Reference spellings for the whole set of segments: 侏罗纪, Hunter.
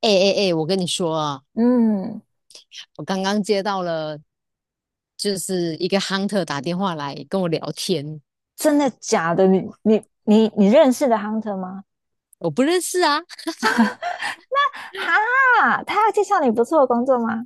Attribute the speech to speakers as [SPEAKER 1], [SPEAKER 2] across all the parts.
[SPEAKER 1] 哎哎哎，我跟你说啊，
[SPEAKER 2] 嗯，
[SPEAKER 1] 我刚刚接到了，就是一个 hunter 打电话来跟我聊天，
[SPEAKER 2] 真的假的？你认识的 Hunter 吗？
[SPEAKER 1] 我不认识啊，
[SPEAKER 2] 哈，他要介绍你不错的工作吗？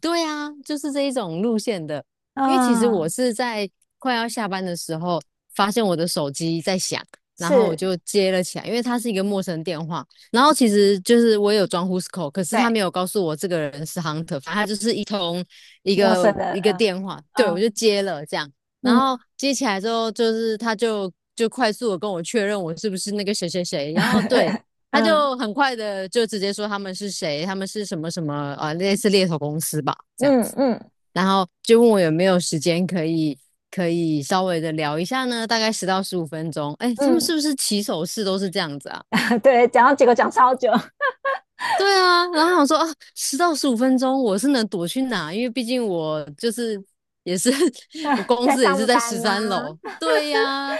[SPEAKER 1] 对啊，就是这一种路线的。因为其实我
[SPEAKER 2] 嗯，
[SPEAKER 1] 是在快要下班的时候，发现我的手机在响，然后我
[SPEAKER 2] 是，
[SPEAKER 1] 就接了起来，因为它是一个陌生电话。然后其实就是我也有装 Who's Call，可是他
[SPEAKER 2] 对，
[SPEAKER 1] 没有告诉我这个人是 Hunter，反正他就是一通一
[SPEAKER 2] 陌
[SPEAKER 1] 个
[SPEAKER 2] 生
[SPEAKER 1] 一个
[SPEAKER 2] 的，
[SPEAKER 1] 电话，对我
[SPEAKER 2] 嗯
[SPEAKER 1] 就接了这样。然
[SPEAKER 2] 嗯
[SPEAKER 1] 后接起来之后，就是他就快速的跟我确认我是不是那个谁谁谁，然后对，
[SPEAKER 2] 嗯
[SPEAKER 1] 他就很快的就直接说他们是谁，他们是什么什么啊，类似猎头公司吧这样
[SPEAKER 2] 嗯
[SPEAKER 1] 子，
[SPEAKER 2] 嗯嗯
[SPEAKER 1] 然后就问我有没有时间可以稍微的聊一下呢，大概十到十五分钟。哎，他们是不是起手式都是这样子啊？
[SPEAKER 2] 嗯，对，讲到结果讲超久，
[SPEAKER 1] 对啊，然后想说啊，十到十五分钟我是能躲去哪？因为毕竟我就是也是 我 公
[SPEAKER 2] 在
[SPEAKER 1] 司也是
[SPEAKER 2] 上
[SPEAKER 1] 在十
[SPEAKER 2] 班
[SPEAKER 1] 三
[SPEAKER 2] 呐、
[SPEAKER 1] 楼。对呀、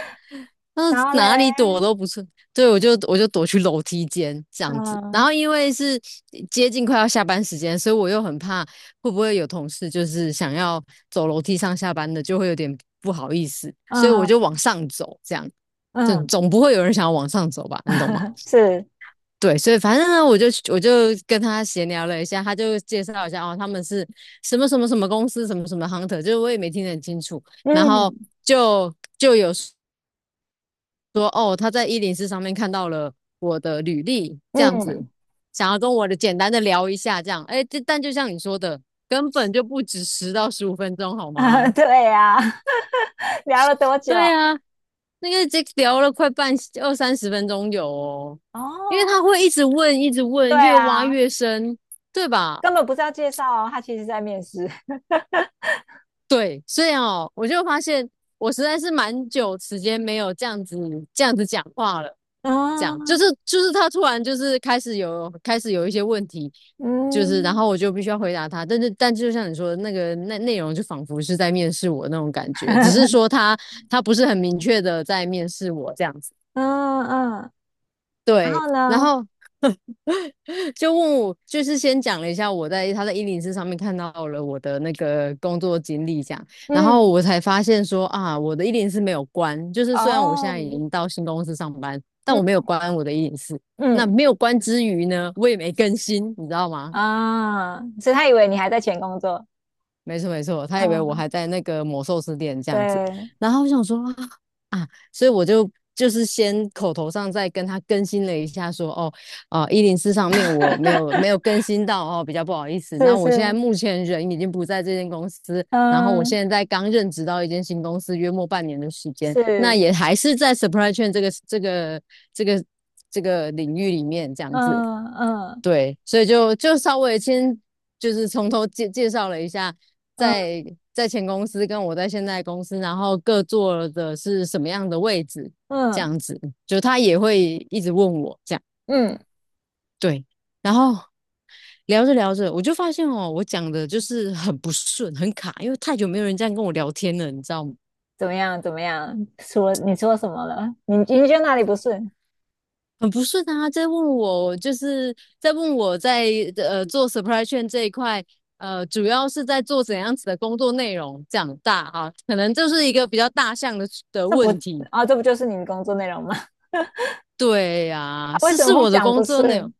[SPEAKER 1] 那
[SPEAKER 2] 然后
[SPEAKER 1] 哪里躲
[SPEAKER 2] 嘞，
[SPEAKER 1] 都不是，对，我就躲去楼梯间这样子。然
[SPEAKER 2] 嗯
[SPEAKER 1] 后因为是接近快要下班时间，所以我又很怕会不会有同事就是想要走楼梯上下班的，就会有点不好意思，所以我
[SPEAKER 2] 嗯
[SPEAKER 1] 就往上走，这样，这
[SPEAKER 2] 嗯，
[SPEAKER 1] 总不会有人想要往上走吧？你懂吗？
[SPEAKER 2] 是，
[SPEAKER 1] 对，所以反正呢，我就跟他闲聊了一下，他就介绍一下哦，他们是什么什么什么公司，什么什么 hunter，就是我也没听得很清楚。然后
[SPEAKER 2] 嗯
[SPEAKER 1] 就就有。说哦，他在一零四上面看到了我的履历，这样子，
[SPEAKER 2] 嗯，
[SPEAKER 1] 想要跟我的简单的聊一下，这样，哎，但就像你说的，根本就不止十到十五分钟，好 吗？
[SPEAKER 2] 对呀、聊了多久？
[SPEAKER 1] 对啊，那个这聊了二三十分钟有哦，因为他
[SPEAKER 2] 哦，
[SPEAKER 1] 会一直问，一直问，
[SPEAKER 2] 对
[SPEAKER 1] 越挖
[SPEAKER 2] 啊，
[SPEAKER 1] 越深，对吧？
[SPEAKER 2] 根本不是要介绍哦他其实在面试。
[SPEAKER 1] 对，所以哦，我就发现我实在是蛮久时间没有这样子讲话了，就是
[SPEAKER 2] 嗯
[SPEAKER 1] 就是他突然就是开始有一些问题，就是然
[SPEAKER 2] 嗯
[SPEAKER 1] 后我就必须要回答他，但就像你说的那内容就仿佛是在面试我那种感觉，只是说 他不是很明确的在面试我这样子，
[SPEAKER 2] 嗯嗯，然
[SPEAKER 1] 对，
[SPEAKER 2] 后
[SPEAKER 1] 然
[SPEAKER 2] 呢？
[SPEAKER 1] 后 就问我，就是先讲了一下他在一零四上面看到了我的那个工作经历，这样，然后
[SPEAKER 2] 嗯，
[SPEAKER 1] 我才发现说啊，我的一零四没有关，就是虽然我现
[SPEAKER 2] 哦，
[SPEAKER 1] 在已经到新公司上班，但我没
[SPEAKER 2] 嗯
[SPEAKER 1] 有关我的一零四。那
[SPEAKER 2] 嗯
[SPEAKER 1] 没有关之余呢，我也没更新，你知道吗？
[SPEAKER 2] 啊，所以他以为你还在前工作。
[SPEAKER 1] 没错没错，他以为我
[SPEAKER 2] 嗯，
[SPEAKER 1] 还在那个某寿司店这样子，
[SPEAKER 2] 对，
[SPEAKER 1] 然后我想说所以我就就是先口头上再跟他更新了一下说，一零四上面我没有没 有更新到哦，比较不好意思。
[SPEAKER 2] 是
[SPEAKER 1] 那我现在
[SPEAKER 2] 是，
[SPEAKER 1] 目前人已经不在这间公司，然后我
[SPEAKER 2] 嗯
[SPEAKER 1] 现在刚任职到一间新公司，约莫半年的时间，那
[SPEAKER 2] 是，
[SPEAKER 1] 也还是在 s u p p r y s h a i n 这个这个领域里面这样子。
[SPEAKER 2] 嗯嗯
[SPEAKER 1] 对，所以就稍微先就是从头介绍了一下，
[SPEAKER 2] 嗯
[SPEAKER 1] 在在前公司跟我在现在公司，然后各做的是什么样的位置，这
[SPEAKER 2] 嗯
[SPEAKER 1] 样子，就他也会一直问我这样，
[SPEAKER 2] 嗯，
[SPEAKER 1] 对，然后聊着聊着，我就发现哦，我讲的就是很不顺，很卡，因为太久没有人这样跟我聊天了，你知道吗？
[SPEAKER 2] 怎么样怎么样？说你说什么了？你你觉得哪里不顺？
[SPEAKER 1] 很不顺啊，在问我在做 s u p p r y s h a i n 这一块，主要是在做怎样子的工作内容，长大啊，可能就是一个比较大项的
[SPEAKER 2] 这不
[SPEAKER 1] 问题。
[SPEAKER 2] 啊，这不就是你的工作内容吗？
[SPEAKER 1] 对呀、啊
[SPEAKER 2] 啊为
[SPEAKER 1] 是
[SPEAKER 2] 什
[SPEAKER 1] 是
[SPEAKER 2] 么会
[SPEAKER 1] 我的
[SPEAKER 2] 讲
[SPEAKER 1] 工
[SPEAKER 2] 不
[SPEAKER 1] 作内容
[SPEAKER 2] 顺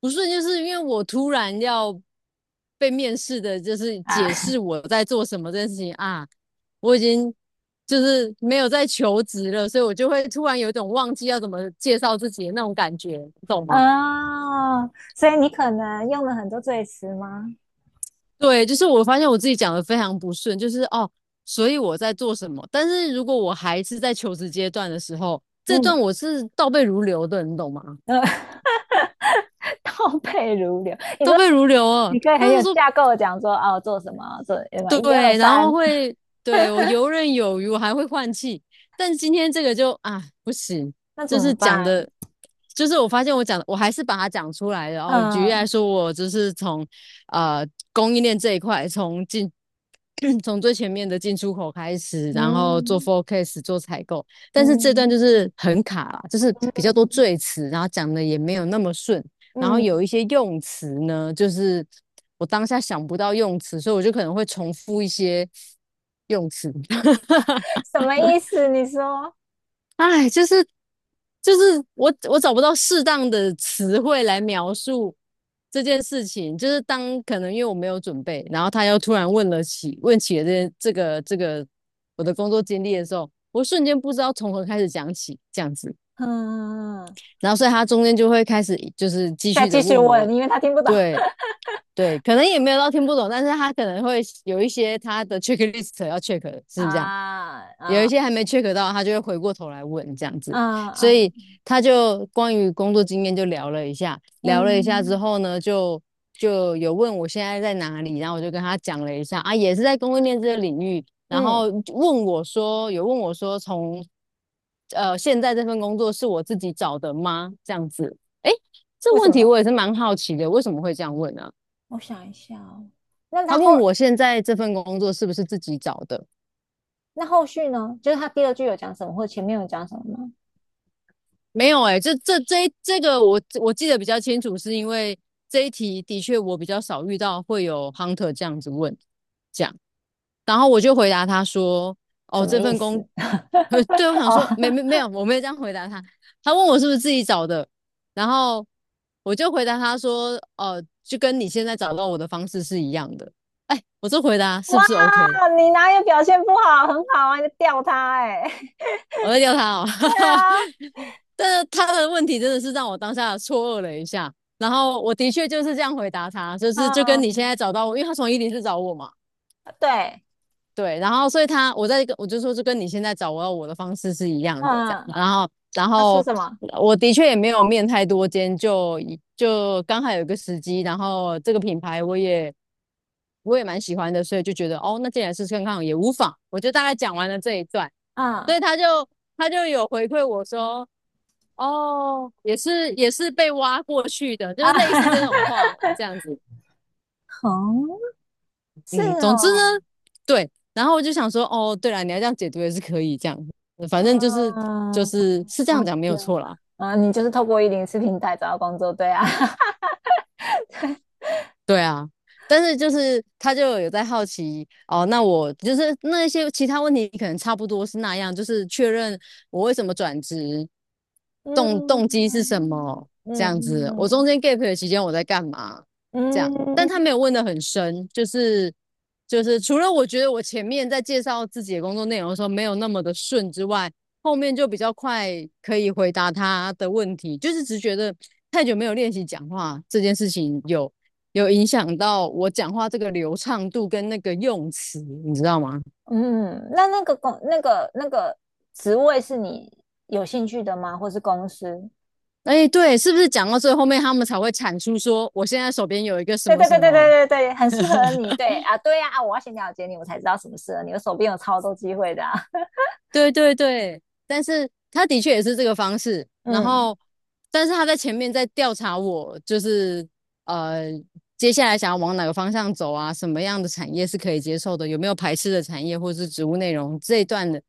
[SPEAKER 1] 不顺，就是因为我突然要被面试的，就是
[SPEAKER 2] 啊？
[SPEAKER 1] 解释我在做什么这件事情啊，我已经就是没有在求职了，所以我就会突然有一种忘记要怎么介绍自己的那种感觉，你懂吗？
[SPEAKER 2] 啊，所以你可能用了很多赘词吗？
[SPEAKER 1] 对，就是我发现我自己讲的非常不顺，就是哦，所以我在做什么？但是如果我还是在求职阶段的时候，这段
[SPEAKER 2] 嗯，
[SPEAKER 1] 我是倒背如流的，你懂吗？
[SPEAKER 2] 呃 倒背如流。你
[SPEAKER 1] 倒
[SPEAKER 2] 说
[SPEAKER 1] 背如流啊，
[SPEAKER 2] 你可以很
[SPEAKER 1] 那就
[SPEAKER 2] 有
[SPEAKER 1] 说
[SPEAKER 2] 架构的讲说，哦，做什么，做什么，一二
[SPEAKER 1] 对，然后
[SPEAKER 2] 三，
[SPEAKER 1] 会，对，我游刃有余，我还会换气。但今天这个就不行，
[SPEAKER 2] 那
[SPEAKER 1] 就
[SPEAKER 2] 怎
[SPEAKER 1] 是
[SPEAKER 2] 么
[SPEAKER 1] 讲的，
[SPEAKER 2] 办？
[SPEAKER 1] 就是我发现我讲的，我还是把它讲出来的。哦，举例来
[SPEAKER 2] 嗯
[SPEAKER 1] 说，我就是从呃供应链这一块，从最前面的进出口开始，然后做
[SPEAKER 2] 嗯
[SPEAKER 1] forecast 做采购，但是这段就
[SPEAKER 2] 嗯
[SPEAKER 1] 是很卡啦就是比较多
[SPEAKER 2] 嗯
[SPEAKER 1] 赘词，然后讲的也没有那么顺。然后有
[SPEAKER 2] 嗯，
[SPEAKER 1] 一些用词呢，就是我当下想不到用词，所以我就可能会重复一些用词。
[SPEAKER 2] 什么意思？你说，
[SPEAKER 1] 哎，就是我找不到适当的词汇来描述这件事情，就是当可能因为我没有准备，然后他又突然问起了这个我的工作经历的时候，我瞬间不知道从何开始讲起这样子，
[SPEAKER 2] 嗯，
[SPEAKER 1] 然后所以他中间就会开始就是继
[SPEAKER 2] 再
[SPEAKER 1] 续的
[SPEAKER 2] 继续
[SPEAKER 1] 问我，
[SPEAKER 2] 问，因为他听不懂
[SPEAKER 1] 对，对，可能也没有到听不懂，但是他可能会有一些他的 checklist 要 check，的是不是这样？
[SPEAKER 2] 啊
[SPEAKER 1] 有一
[SPEAKER 2] 啊
[SPEAKER 1] 些还没 check 到，他就会回过头来问这样子，
[SPEAKER 2] 啊
[SPEAKER 1] 所
[SPEAKER 2] 啊，
[SPEAKER 1] 以他就关于工作经验就聊了一下，聊了一下之
[SPEAKER 2] 嗯
[SPEAKER 1] 后呢，就有问我现在在哪里，然后我就跟他讲了一下啊，也是在供应链这个领域，然后
[SPEAKER 2] 嗯，
[SPEAKER 1] 问我说，从现在这份工作是我自己找的吗？这样子，诶，这
[SPEAKER 2] 为
[SPEAKER 1] 问
[SPEAKER 2] 什
[SPEAKER 1] 题
[SPEAKER 2] 么？
[SPEAKER 1] 我也是蛮好奇的，为什么会这样问呢、啊
[SPEAKER 2] 我想一下哦那
[SPEAKER 1] 他
[SPEAKER 2] 他
[SPEAKER 1] 问
[SPEAKER 2] 后
[SPEAKER 1] 我现在这份工作是不是自己找的？
[SPEAKER 2] 那后续呢？就是他第二句有讲什么，或前面有讲什么吗？
[SPEAKER 1] 没有哎、欸这个我记得比较清楚，是因为这一题的确我比较少遇到会有 hunter 这样子问，这样，然后我就回答他说，哦，
[SPEAKER 2] 什么
[SPEAKER 1] 这
[SPEAKER 2] 意
[SPEAKER 1] 份工，
[SPEAKER 2] 思？
[SPEAKER 1] 对，我想
[SPEAKER 2] 哦，
[SPEAKER 1] 说没有，我没有这样回答他，他问我是不是自己找的，然后我就回答他说，就跟你现在找到我的方式是一样的，哎，我这回答是不
[SPEAKER 2] 哇，
[SPEAKER 1] 是 OK？
[SPEAKER 2] 你哪有表现不好？很好啊，你吊他哎、欸
[SPEAKER 1] 我在叫他哦，
[SPEAKER 2] 对啊，
[SPEAKER 1] 但是他的问题真的是让我当下错愕了一下。然后我的确就是这样回答他，就是就跟你现
[SPEAKER 2] 嗯，
[SPEAKER 1] 在找到我，因为他从伊犁市找我嘛，
[SPEAKER 2] 对，
[SPEAKER 1] 对，然后所以他我在跟我就说是跟你现在找我要我的方式是一样的这样，
[SPEAKER 2] 嗯，
[SPEAKER 1] 然后然
[SPEAKER 2] 他说
[SPEAKER 1] 后
[SPEAKER 2] 什么？
[SPEAKER 1] 我的确也没有面太多间，就刚好有一个时机，然后这个品牌我也蛮喜欢的，所以就觉得哦，那既然是试看看也无妨，我就大概讲完了这一段，所
[SPEAKER 2] 嗯
[SPEAKER 1] 以他就有回馈我说。哦，也是被挖过去的，就是
[SPEAKER 2] 啊，
[SPEAKER 1] 类似这种话这样子。
[SPEAKER 2] 嗯，是
[SPEAKER 1] 嗯，总之呢，
[SPEAKER 2] 哦，
[SPEAKER 1] 对，然后我就想说，哦，对了，你要这样解读也是可以，这样，反正就是就
[SPEAKER 2] 嗯嗯，
[SPEAKER 1] 是是这样讲没有
[SPEAKER 2] 嗯
[SPEAKER 1] 错啦。
[SPEAKER 2] 啊，你就是透过104平台找到工作，对啊，
[SPEAKER 1] 对啊，但是就是他就有在好奇哦，那我就是那一些其他问题可能差不多是那样，就是确认我为什么转职，动机是
[SPEAKER 2] 嗯
[SPEAKER 1] 什么这
[SPEAKER 2] 嗯
[SPEAKER 1] 样
[SPEAKER 2] 嗯
[SPEAKER 1] 子，我中
[SPEAKER 2] 嗯
[SPEAKER 1] 间 gap 的期间我在干嘛这样，
[SPEAKER 2] 嗯。
[SPEAKER 1] 但他
[SPEAKER 2] 嗯
[SPEAKER 1] 没有问的很深，就是除了我觉得我前面在介绍自己的工作内容的时候没有那么的顺之外，后面就比较快可以回答他的问题，就是只觉得太久没有练习讲话这件事情有。有影响到我讲话这个流畅度跟那个用词，你知道吗？
[SPEAKER 2] 嗯，那那个公那个职位是你有兴趣的吗？或是公司？
[SPEAKER 1] 哎，对，是不是讲到最后面他们才会产出说我现在手边有一个什
[SPEAKER 2] 对
[SPEAKER 1] 么
[SPEAKER 2] 对
[SPEAKER 1] 什
[SPEAKER 2] 对对对
[SPEAKER 1] 么？
[SPEAKER 2] 对对，很适合你。对啊，对呀啊，我要先了解你，我才知道什么适合你。我手边有超多机会的啊。
[SPEAKER 1] 对对对，但是他的确也是这个方式，然
[SPEAKER 2] 嗯
[SPEAKER 1] 后但是他在前面在调查我，就是呃接下来想要往哪个方向走啊，什么样的产业是可以接受的，有没有排斥的产业或是植物内容这一段的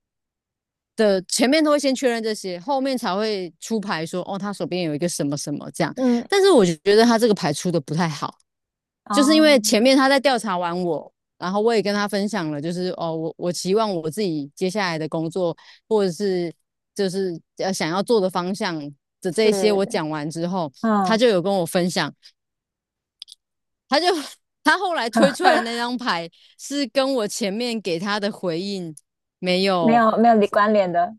[SPEAKER 1] 的前面都会先确认这些，后面才会出牌说哦，他手边有一个什么什么这样。
[SPEAKER 2] 嗯，
[SPEAKER 1] 但是我觉得他这个牌出的不太好，就是因
[SPEAKER 2] 哦，
[SPEAKER 1] 为前面他在调查完我，然后我也跟他分享了，就是哦，我期望我自己接下来的工作或者是就是想要做的方向的这一些，我
[SPEAKER 2] 是，
[SPEAKER 1] 讲完之后，他
[SPEAKER 2] 嗯，
[SPEAKER 1] 就有跟我分享，他就他后来推出来的 那张牌是跟我前面给他的回应没
[SPEAKER 2] 没
[SPEAKER 1] 有
[SPEAKER 2] 有没有你关联的。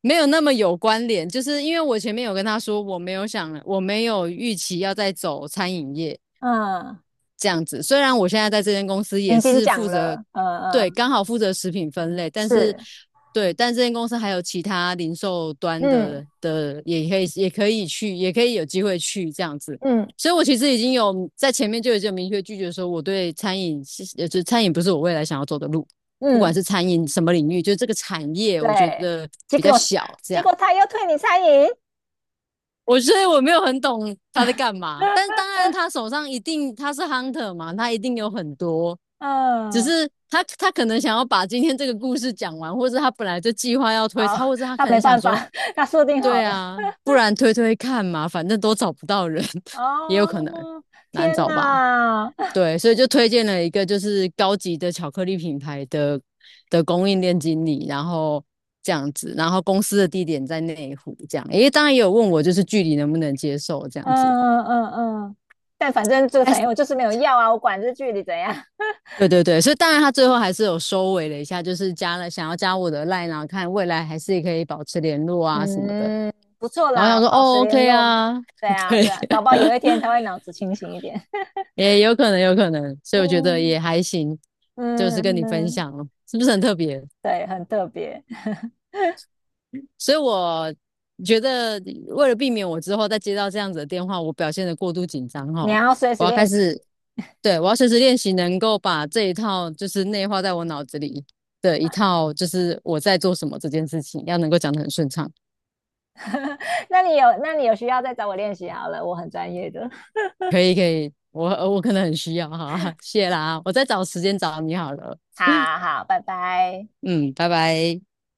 [SPEAKER 1] 没有那么有关联，就是因为我前面有跟他说，我没有想，我没有预期要再走餐饮业
[SPEAKER 2] 嗯，
[SPEAKER 1] 这样子。虽然我现在在这间公司
[SPEAKER 2] 你
[SPEAKER 1] 也
[SPEAKER 2] 已经
[SPEAKER 1] 是负
[SPEAKER 2] 讲
[SPEAKER 1] 责，
[SPEAKER 2] 了。嗯
[SPEAKER 1] 对，
[SPEAKER 2] 嗯，
[SPEAKER 1] 刚好负责食品分类，但是
[SPEAKER 2] 是，
[SPEAKER 1] 对，但这间公司还有其他零售端
[SPEAKER 2] 嗯
[SPEAKER 1] 的，也可以去，也可以有机会去这样子。
[SPEAKER 2] 嗯
[SPEAKER 1] 所以我其实已经有在前面就已经有明确拒绝说，我对餐饮就是餐饮不是我未来想要走的路，不管
[SPEAKER 2] 嗯，
[SPEAKER 1] 是餐饮什么领域，就是这个产业，我觉
[SPEAKER 2] 对。
[SPEAKER 1] 得
[SPEAKER 2] 结
[SPEAKER 1] 比较
[SPEAKER 2] 果
[SPEAKER 1] 小这
[SPEAKER 2] 结
[SPEAKER 1] 样。
[SPEAKER 2] 果他又退你餐饮。
[SPEAKER 1] 我所以我没有很懂他在干嘛，但 当然他手上一定他是 hunter 嘛，他一定有很多，只
[SPEAKER 2] 嗯。
[SPEAKER 1] 是他可能想要把今天这个故事讲完，或者他本来就计划要推
[SPEAKER 2] 啊、
[SPEAKER 1] 他，或者他
[SPEAKER 2] 他
[SPEAKER 1] 可能
[SPEAKER 2] 没
[SPEAKER 1] 想
[SPEAKER 2] 办法，
[SPEAKER 1] 说，
[SPEAKER 2] 他设定好
[SPEAKER 1] 对
[SPEAKER 2] 了。
[SPEAKER 1] 啊，不然推推看嘛，反正都找不到人，也有可能
[SPEAKER 2] 哦，
[SPEAKER 1] 难
[SPEAKER 2] 天
[SPEAKER 1] 找吧。
[SPEAKER 2] 哪，嗯
[SPEAKER 1] 对，所以就推荐了一个就是高级的巧克力品牌的供应链经理，然后这样子，然后公司的地点在内湖这样，因为当然也有问我就是距离能不能接受这样子，
[SPEAKER 2] 嗯嗯嗯，但反正
[SPEAKER 1] 大
[SPEAKER 2] 这个
[SPEAKER 1] 概
[SPEAKER 2] 产
[SPEAKER 1] 是
[SPEAKER 2] 业我就是没有要啊，我管这距离怎样。
[SPEAKER 1] 对对对，所以当然他最后还是有收尾了一下，就是加了想要加我的 line 啊，看未来还是可以保持联络啊什么的，
[SPEAKER 2] 嗯，不错
[SPEAKER 1] 然后想
[SPEAKER 2] 啦，
[SPEAKER 1] 说
[SPEAKER 2] 保持
[SPEAKER 1] 哦
[SPEAKER 2] 联
[SPEAKER 1] OK
[SPEAKER 2] 络。
[SPEAKER 1] 啊，
[SPEAKER 2] 对 啊，
[SPEAKER 1] 对，
[SPEAKER 2] 对啊，搞不好有一天他会脑子清醒一点。
[SPEAKER 1] 也有可能有可能，所以我觉得
[SPEAKER 2] 嗯
[SPEAKER 1] 也还行，就是跟
[SPEAKER 2] 嗯
[SPEAKER 1] 你分
[SPEAKER 2] 嗯，
[SPEAKER 1] 享了，是不是很特别？
[SPEAKER 2] 对，很特别。
[SPEAKER 1] 所以我觉得为了避免我之后再接到这样子的电话，我表现的过度紧张哈，
[SPEAKER 2] 你要随
[SPEAKER 1] 我
[SPEAKER 2] 时
[SPEAKER 1] 要开
[SPEAKER 2] 练习
[SPEAKER 1] 始，对，我要随时练习能够把这一套就是内化在我脑子里的一
[SPEAKER 2] 啊。
[SPEAKER 1] 套，就是我在做什么这件事情，要能够讲的很顺畅。
[SPEAKER 2] 那你有，那你有需要再找我练习好了，我很专业的。
[SPEAKER 1] 可以可以，我可能很需要哈，谢啦，我再找时间找你好了，
[SPEAKER 2] 好好，拜拜。
[SPEAKER 1] 嗯，拜拜。